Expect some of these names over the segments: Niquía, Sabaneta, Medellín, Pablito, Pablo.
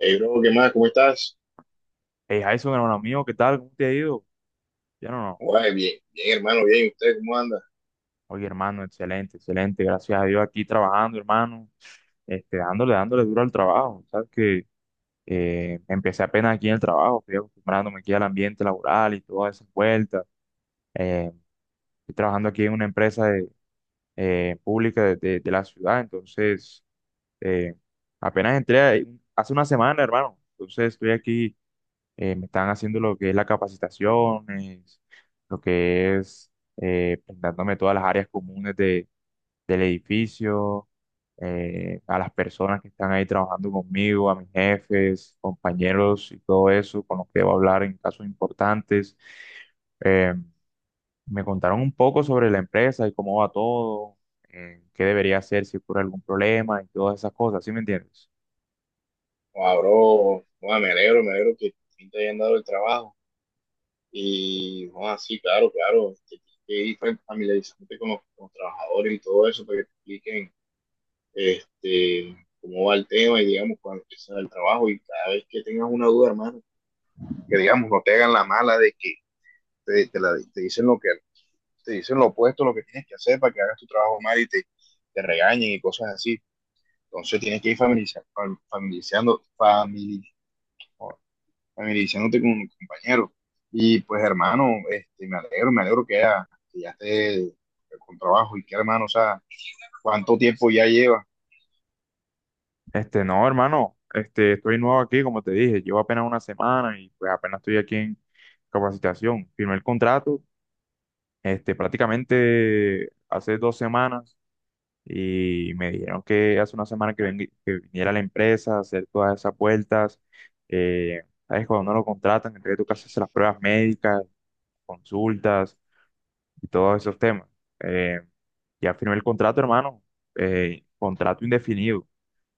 Hey, bro, ¿qué más? ¿Cómo estás? Hey, Jason, hermano amigo, ¿qué tal? ¿Cómo te ha ido? Ya no, no. Guay, bien, bien, hermano, bien. ¿Y usted cómo anda? Oye, hermano, excelente, excelente. Gracias a Dios aquí trabajando, hermano. Dándole duro al trabajo. Sabes que empecé apenas aquí en el trabajo, estoy acostumbrándome aquí al ambiente laboral y todas esas vueltas. Eh, estoy trabajando aquí en una empresa pública de la ciudad, entonces eh, apenas entré ahí hace una semana, hermano. Entonces estoy aquí me están haciendo lo que es las capacitaciones, lo que es pintándome todas las áreas comunes de, del edificio, a las personas que están ahí trabajando conmigo, a mis jefes, compañeros y todo eso, con los que debo hablar en casos importantes. Eh, me contaron un poco sobre la empresa y cómo va todo, qué debería hacer si ocurre algún problema y todas esas cosas, ¿sí me entiendes? Guau, bro, guau, me alegro que por fin te hayan dado el trabajo. Y, guau, sí, claro, claro. Te tienes que ir familiarizándote con los trabajadores y todo eso para que te expliquen este, cómo va el tema y, digamos, cuando empiezas el trabajo. Y cada vez que tengas una duda, hermano, que, digamos, no te hagan la mala de que te, te la- te dicen lo que, te dicen lo opuesto a lo que tienes que hacer para que hagas tu trabajo mal y te regañen y cosas así. Entonces tienes que ir familiarizando, famili- familiarizándote con compañeros. Y pues hermano, este, me alegro que ya esté con trabajo. Y que hermano, o sea, ¿cuánto tiempo ya lleva? No, hermano, estoy nuevo aquí, como te dije, llevo apenas una semana y pues apenas estoy aquí en capacitación. Firmé el contrato, prácticamente hace dos semanas y me dijeron que hace una semana que, que viniera a la empresa a hacer todas esas vueltas. Eh, sabes, cuando no lo contratan, entre tú que haces las pruebas médicas, consultas, y todos esos temas. Eh, ya firmé el contrato, hermano. Contrato indefinido.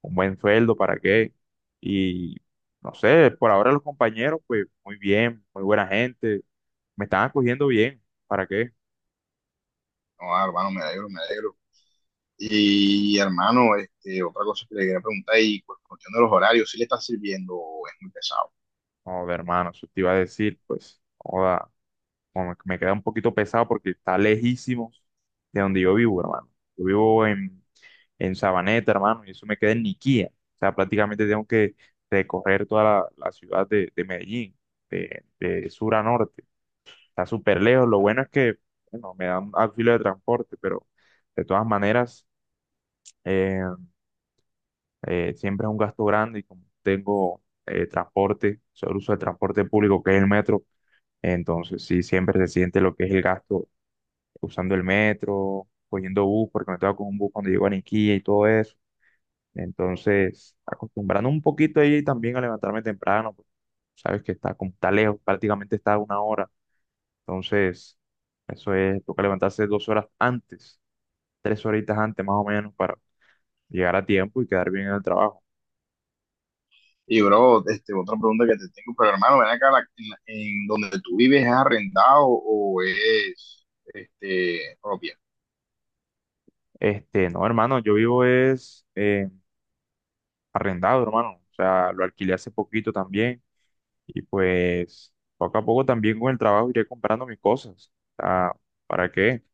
Un buen sueldo, ¿para qué? Y no sé, por ahora los compañeros, pues muy bien, muy buena gente. Me están acogiendo bien, ¿para qué? No, ah, hermano, me alegro, me alegro. Y hermano, este, otra cosa que le quería preguntar, y pues cuestión de los horarios, ¿si le está sirviendo o es muy pesado? Joder, hermano, eso te iba a decir, pues, joda, como que me queda un poquito pesado porque está lejísimos de donde yo vivo, hermano. Yo vivo en Sabaneta, hermano, y eso me queda en Niquía. O sea, prácticamente tengo que recorrer toda la ciudad de Medellín, de sur a norte. Está súper lejos. Lo bueno es que, bueno, me dan auxilio de transporte, pero de todas maneras, eh, siempre es un gasto grande y como tengo transporte, solo uso el transporte público que es el metro, entonces sí, siempre se siente lo que es el gasto usando el metro, cogiendo bus, porque me estaba con un bus cuando llego a Niquilla y todo eso. Entonces, acostumbrando un poquito ahí también a levantarme temprano, porque sabes que está, como está lejos, prácticamente está a una hora. Entonces, eso es, toca levantarse dos horas antes, tres horitas antes más o menos, para llegar a tiempo y quedar bien en el trabajo. Y bro, este, otra pregunta que te tengo, pero hermano, ven acá, en donde tú vives, ¿es arrendado o es este, propia? No, hermano, yo vivo es arrendado, hermano. O sea, lo alquilé hace poquito también. Y pues poco a poco también con el trabajo iré comprando mis cosas. Ah, ¿para qué?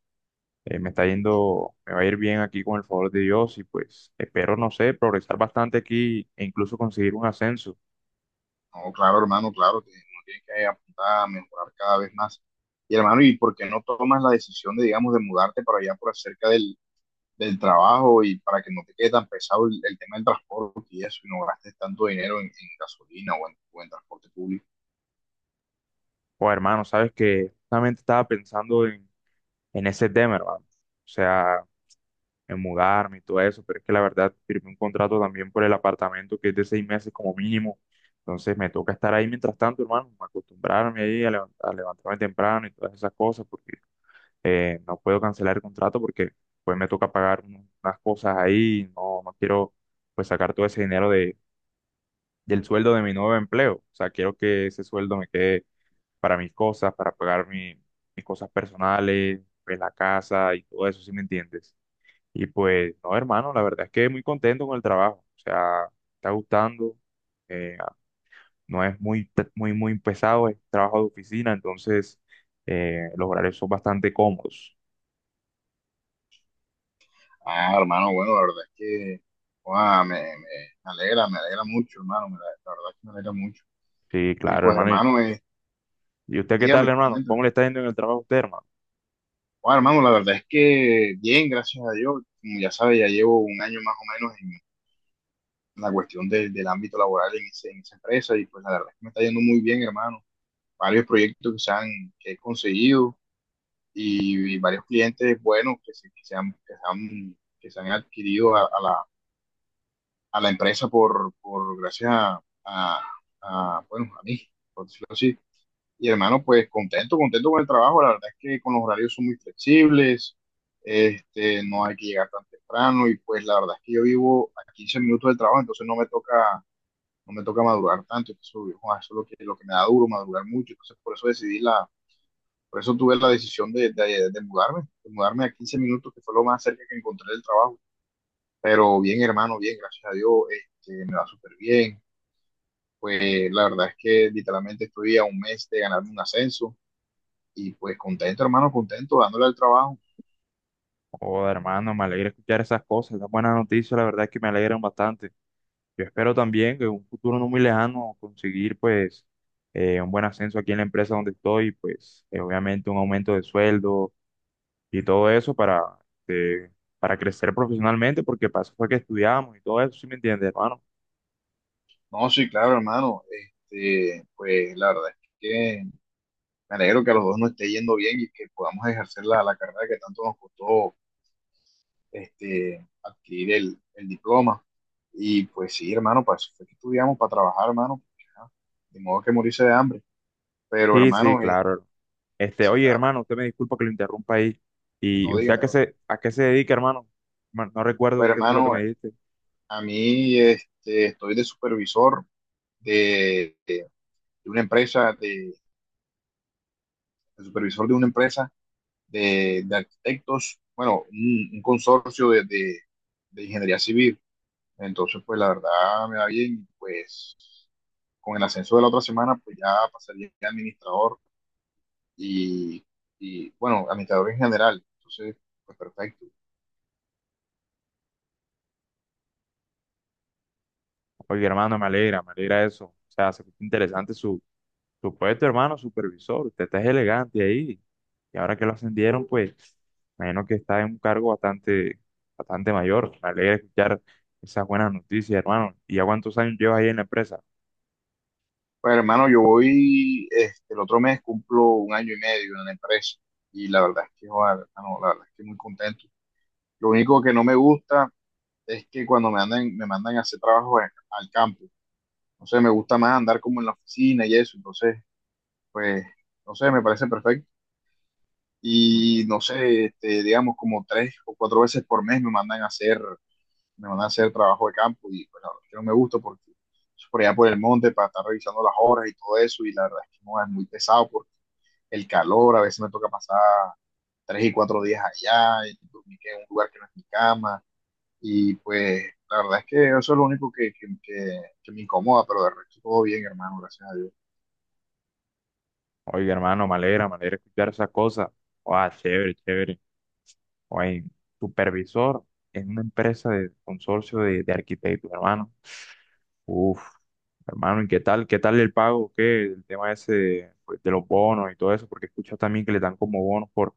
Me está yendo, me va a ir bien aquí con el favor de Dios y pues espero, no sé, progresar bastante aquí e incluso conseguir un ascenso. No, claro, hermano, claro, que uno tiene que apuntar a mejorar cada vez más. Y hermano, ¿y por qué no tomas la decisión de, digamos, de mudarte para allá por acerca del trabajo y para que no te quede tan pesado el tema del transporte y eso, y no gastes tanto dinero en gasolina o en transporte público? O hermano, sabes que justamente estaba pensando en ese tema, hermano. O sea, en mudarme y todo eso, pero es que la verdad firmé un contrato también por el apartamento que es de seis meses como mínimo. Entonces me toca estar ahí mientras tanto, hermano, acostumbrarme ahí a, a levantarme temprano y todas esas cosas, porque no puedo cancelar el contrato porque pues me toca pagar unas cosas ahí, no, no quiero pues sacar todo ese dinero de, del sueldo de mi nuevo empleo, o sea, quiero que ese sueldo me quede para mis cosas, para pagar mis cosas personales, pues la casa y todo eso, ¿si me entiendes? Y pues, no, hermano, la verdad es que muy contento con el trabajo, o sea, me está gustando, eh, no es muy, muy, muy pesado, es trabajo de oficina, entonces los horarios son bastante cómodos. Ah, hermano, bueno, la verdad es que ah, me, me- me alegra mucho, hermano, la verdad es que me alegra mucho. Sí, Y claro, pues, hermano. hermano, ¿Y usted qué tal, dígame, hermano? ¿Cómo comenta. le está yendo en el trabajo a usted, hermano? Ah, hermano, la verdad es que bien, gracias a Dios, como ya sabes, ya llevo un año más o menos la cuestión del ámbito laboral esa empresa y pues la verdad es que me está yendo muy bien, hermano. Varios proyectos que he conseguido y varios clientes buenos que se han adquirido a la empresa por gracias a, bueno, a mí, por decirlo así. Y hermano, pues contento, contento con el trabajo. La verdad es que con los horarios son muy flexibles, este, no hay que llegar tan temprano y pues la verdad es que yo vivo a 15 minutos del trabajo, entonces no me toca madrugar tanto. Entonces, uy, joder, eso es lo que me da duro, madrugar mucho. Entonces por eso por eso tuve la decisión de mudarme a 15 minutos, que fue lo más cerca que encontré del trabajo, pero bien hermano, bien, gracias a Dios. Este, me va súper bien, pues la verdad es que literalmente estoy a un mes de ganarme un ascenso y pues contento hermano, contento dándole al trabajo. Oh, hermano, me alegra escuchar esas cosas, esas buenas noticias, la verdad es que me alegran bastante. Yo espero también que en un futuro no muy lejano conseguir, pues, un buen ascenso aquí en la empresa donde estoy, pues, obviamente un aumento de sueldo y todo eso eh, para crecer profesionalmente, porque para fue que estudiamos y todo eso, ¿sí me entiende, hermano? No, sí, claro hermano, este, pues la verdad es que me alegro que a los dos nos esté yendo bien y que podamos ejercer la carrera que tanto nos costó este, adquirir el diploma. Y pues sí, hermano, para eso fue que estudiamos, para trabajar, hermano. Porque, ajá, de modo que morirse de hambre. Pero Sí, sí, hermano, claro. Sí, Oye, claro, hermano, usted me disculpa que lo interrumpa ahí. ¿Y no usted dígame, hermano. A qué se dedica, hermano? No, no recuerdo Pero qué fue lo que hermano, me dijiste. a mí este, estoy de supervisor de, de- de una empresa, de supervisor de una empresa de arquitectos, bueno, un consorcio de ingeniería civil. Entonces, pues la verdad me va bien, pues con el ascenso de la otra semana, pues ya pasaría a administrador y, y bueno, administrador en general. Entonces, pues perfecto. Oye, hermano, me alegra eso. O sea, se escucha interesante su, su puesto, hermano, supervisor. Usted está elegante ahí. Y ahora que lo ascendieron, pues, me imagino que está en un cargo bastante, bastante mayor. Me alegra escuchar esas buenas noticias, hermano. ¿Y ya cuántos años llevas ahí en la empresa? Pues hermano, este, el otro mes cumplo un año y medio en la empresa y la verdad es que, joder, hermano, la verdad es que muy contento. Lo único que no me gusta es que cuando me mandan a hacer trabajo al campo, no sé, me gusta más andar como en la oficina y eso. Entonces, pues, no sé, me parece perfecto. Mm. Y no sé, este, digamos, como 3 o 4 veces por mes me van a hacer trabajo de campo y pues la verdad es que no me gusta porque es por allá por el monte para estar revisando las horas y todo eso, y la verdad es que no es muy pesado porque el calor, a veces me toca pasar 3 y 4 días allá y dormir en un lugar que no es mi cama. Y pues la verdad es que eso es lo único que me incomoda, pero de resto todo bien hermano, gracias a Dios. Oye, hermano, me alegra escuchar esas cosas. Ah, chévere, chévere. Oye, supervisor en una empresa de consorcio de arquitectos, hermano. Uf, hermano, ¿y qué tal? ¿Qué tal el pago? ¿Qué? El tema ese pues, de los bonos y todo eso, porque escucho también que le dan como bonos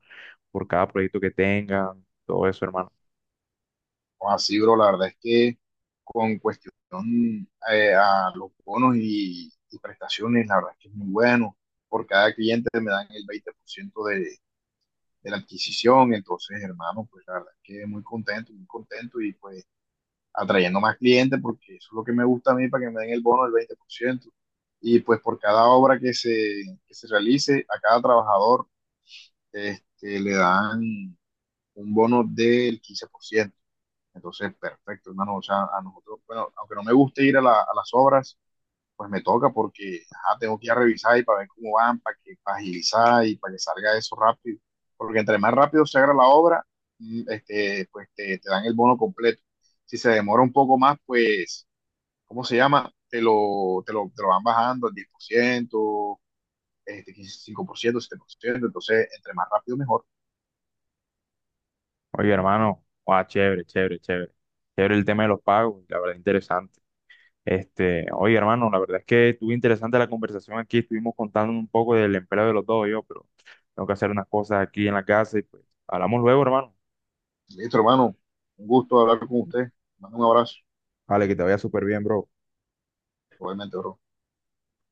por cada proyecto que tengan, todo eso, hermano. O así, bro, la verdad es que con cuestión a los bonos y prestaciones, la verdad es que es muy bueno. Por cada cliente me dan el 20% de la adquisición. Entonces, hermano, pues la verdad es que muy contento y pues atrayendo más clientes porque eso es lo que me gusta a mí, para que me den el bono del 20%. Y pues por cada obra que se realice, a cada trabajador este, le dan un bono del 15%. Entonces, perfecto, hermano. O sea, a nosotros, bueno, aunque no me guste ir a las obras, pues me toca porque ajá, tengo que ir a revisar y para ver cómo van, para agilizar y para que salga eso rápido. Porque entre más rápido se haga la obra, este, pues te dan el bono completo. Si se demora un poco más, pues, ¿cómo se llama? Te lo van bajando al 10%, este, 5%, 7%. Entonces, entre más rápido, mejor. Oye, hermano, guau, chévere, chévere, chévere. Chévere el tema de los pagos, la verdad, interesante. Oye, hermano, la verdad es que estuvo interesante la conversación aquí, estuvimos contando un poco del empleo de los dos, yo, pero tengo que hacer unas cosas aquí en la casa y pues hablamos luego, hermano. Listo, hermano. Un gusto hablar con usted. Mando un abrazo, Vale, que te vaya súper bien, bro. obviamente, bro.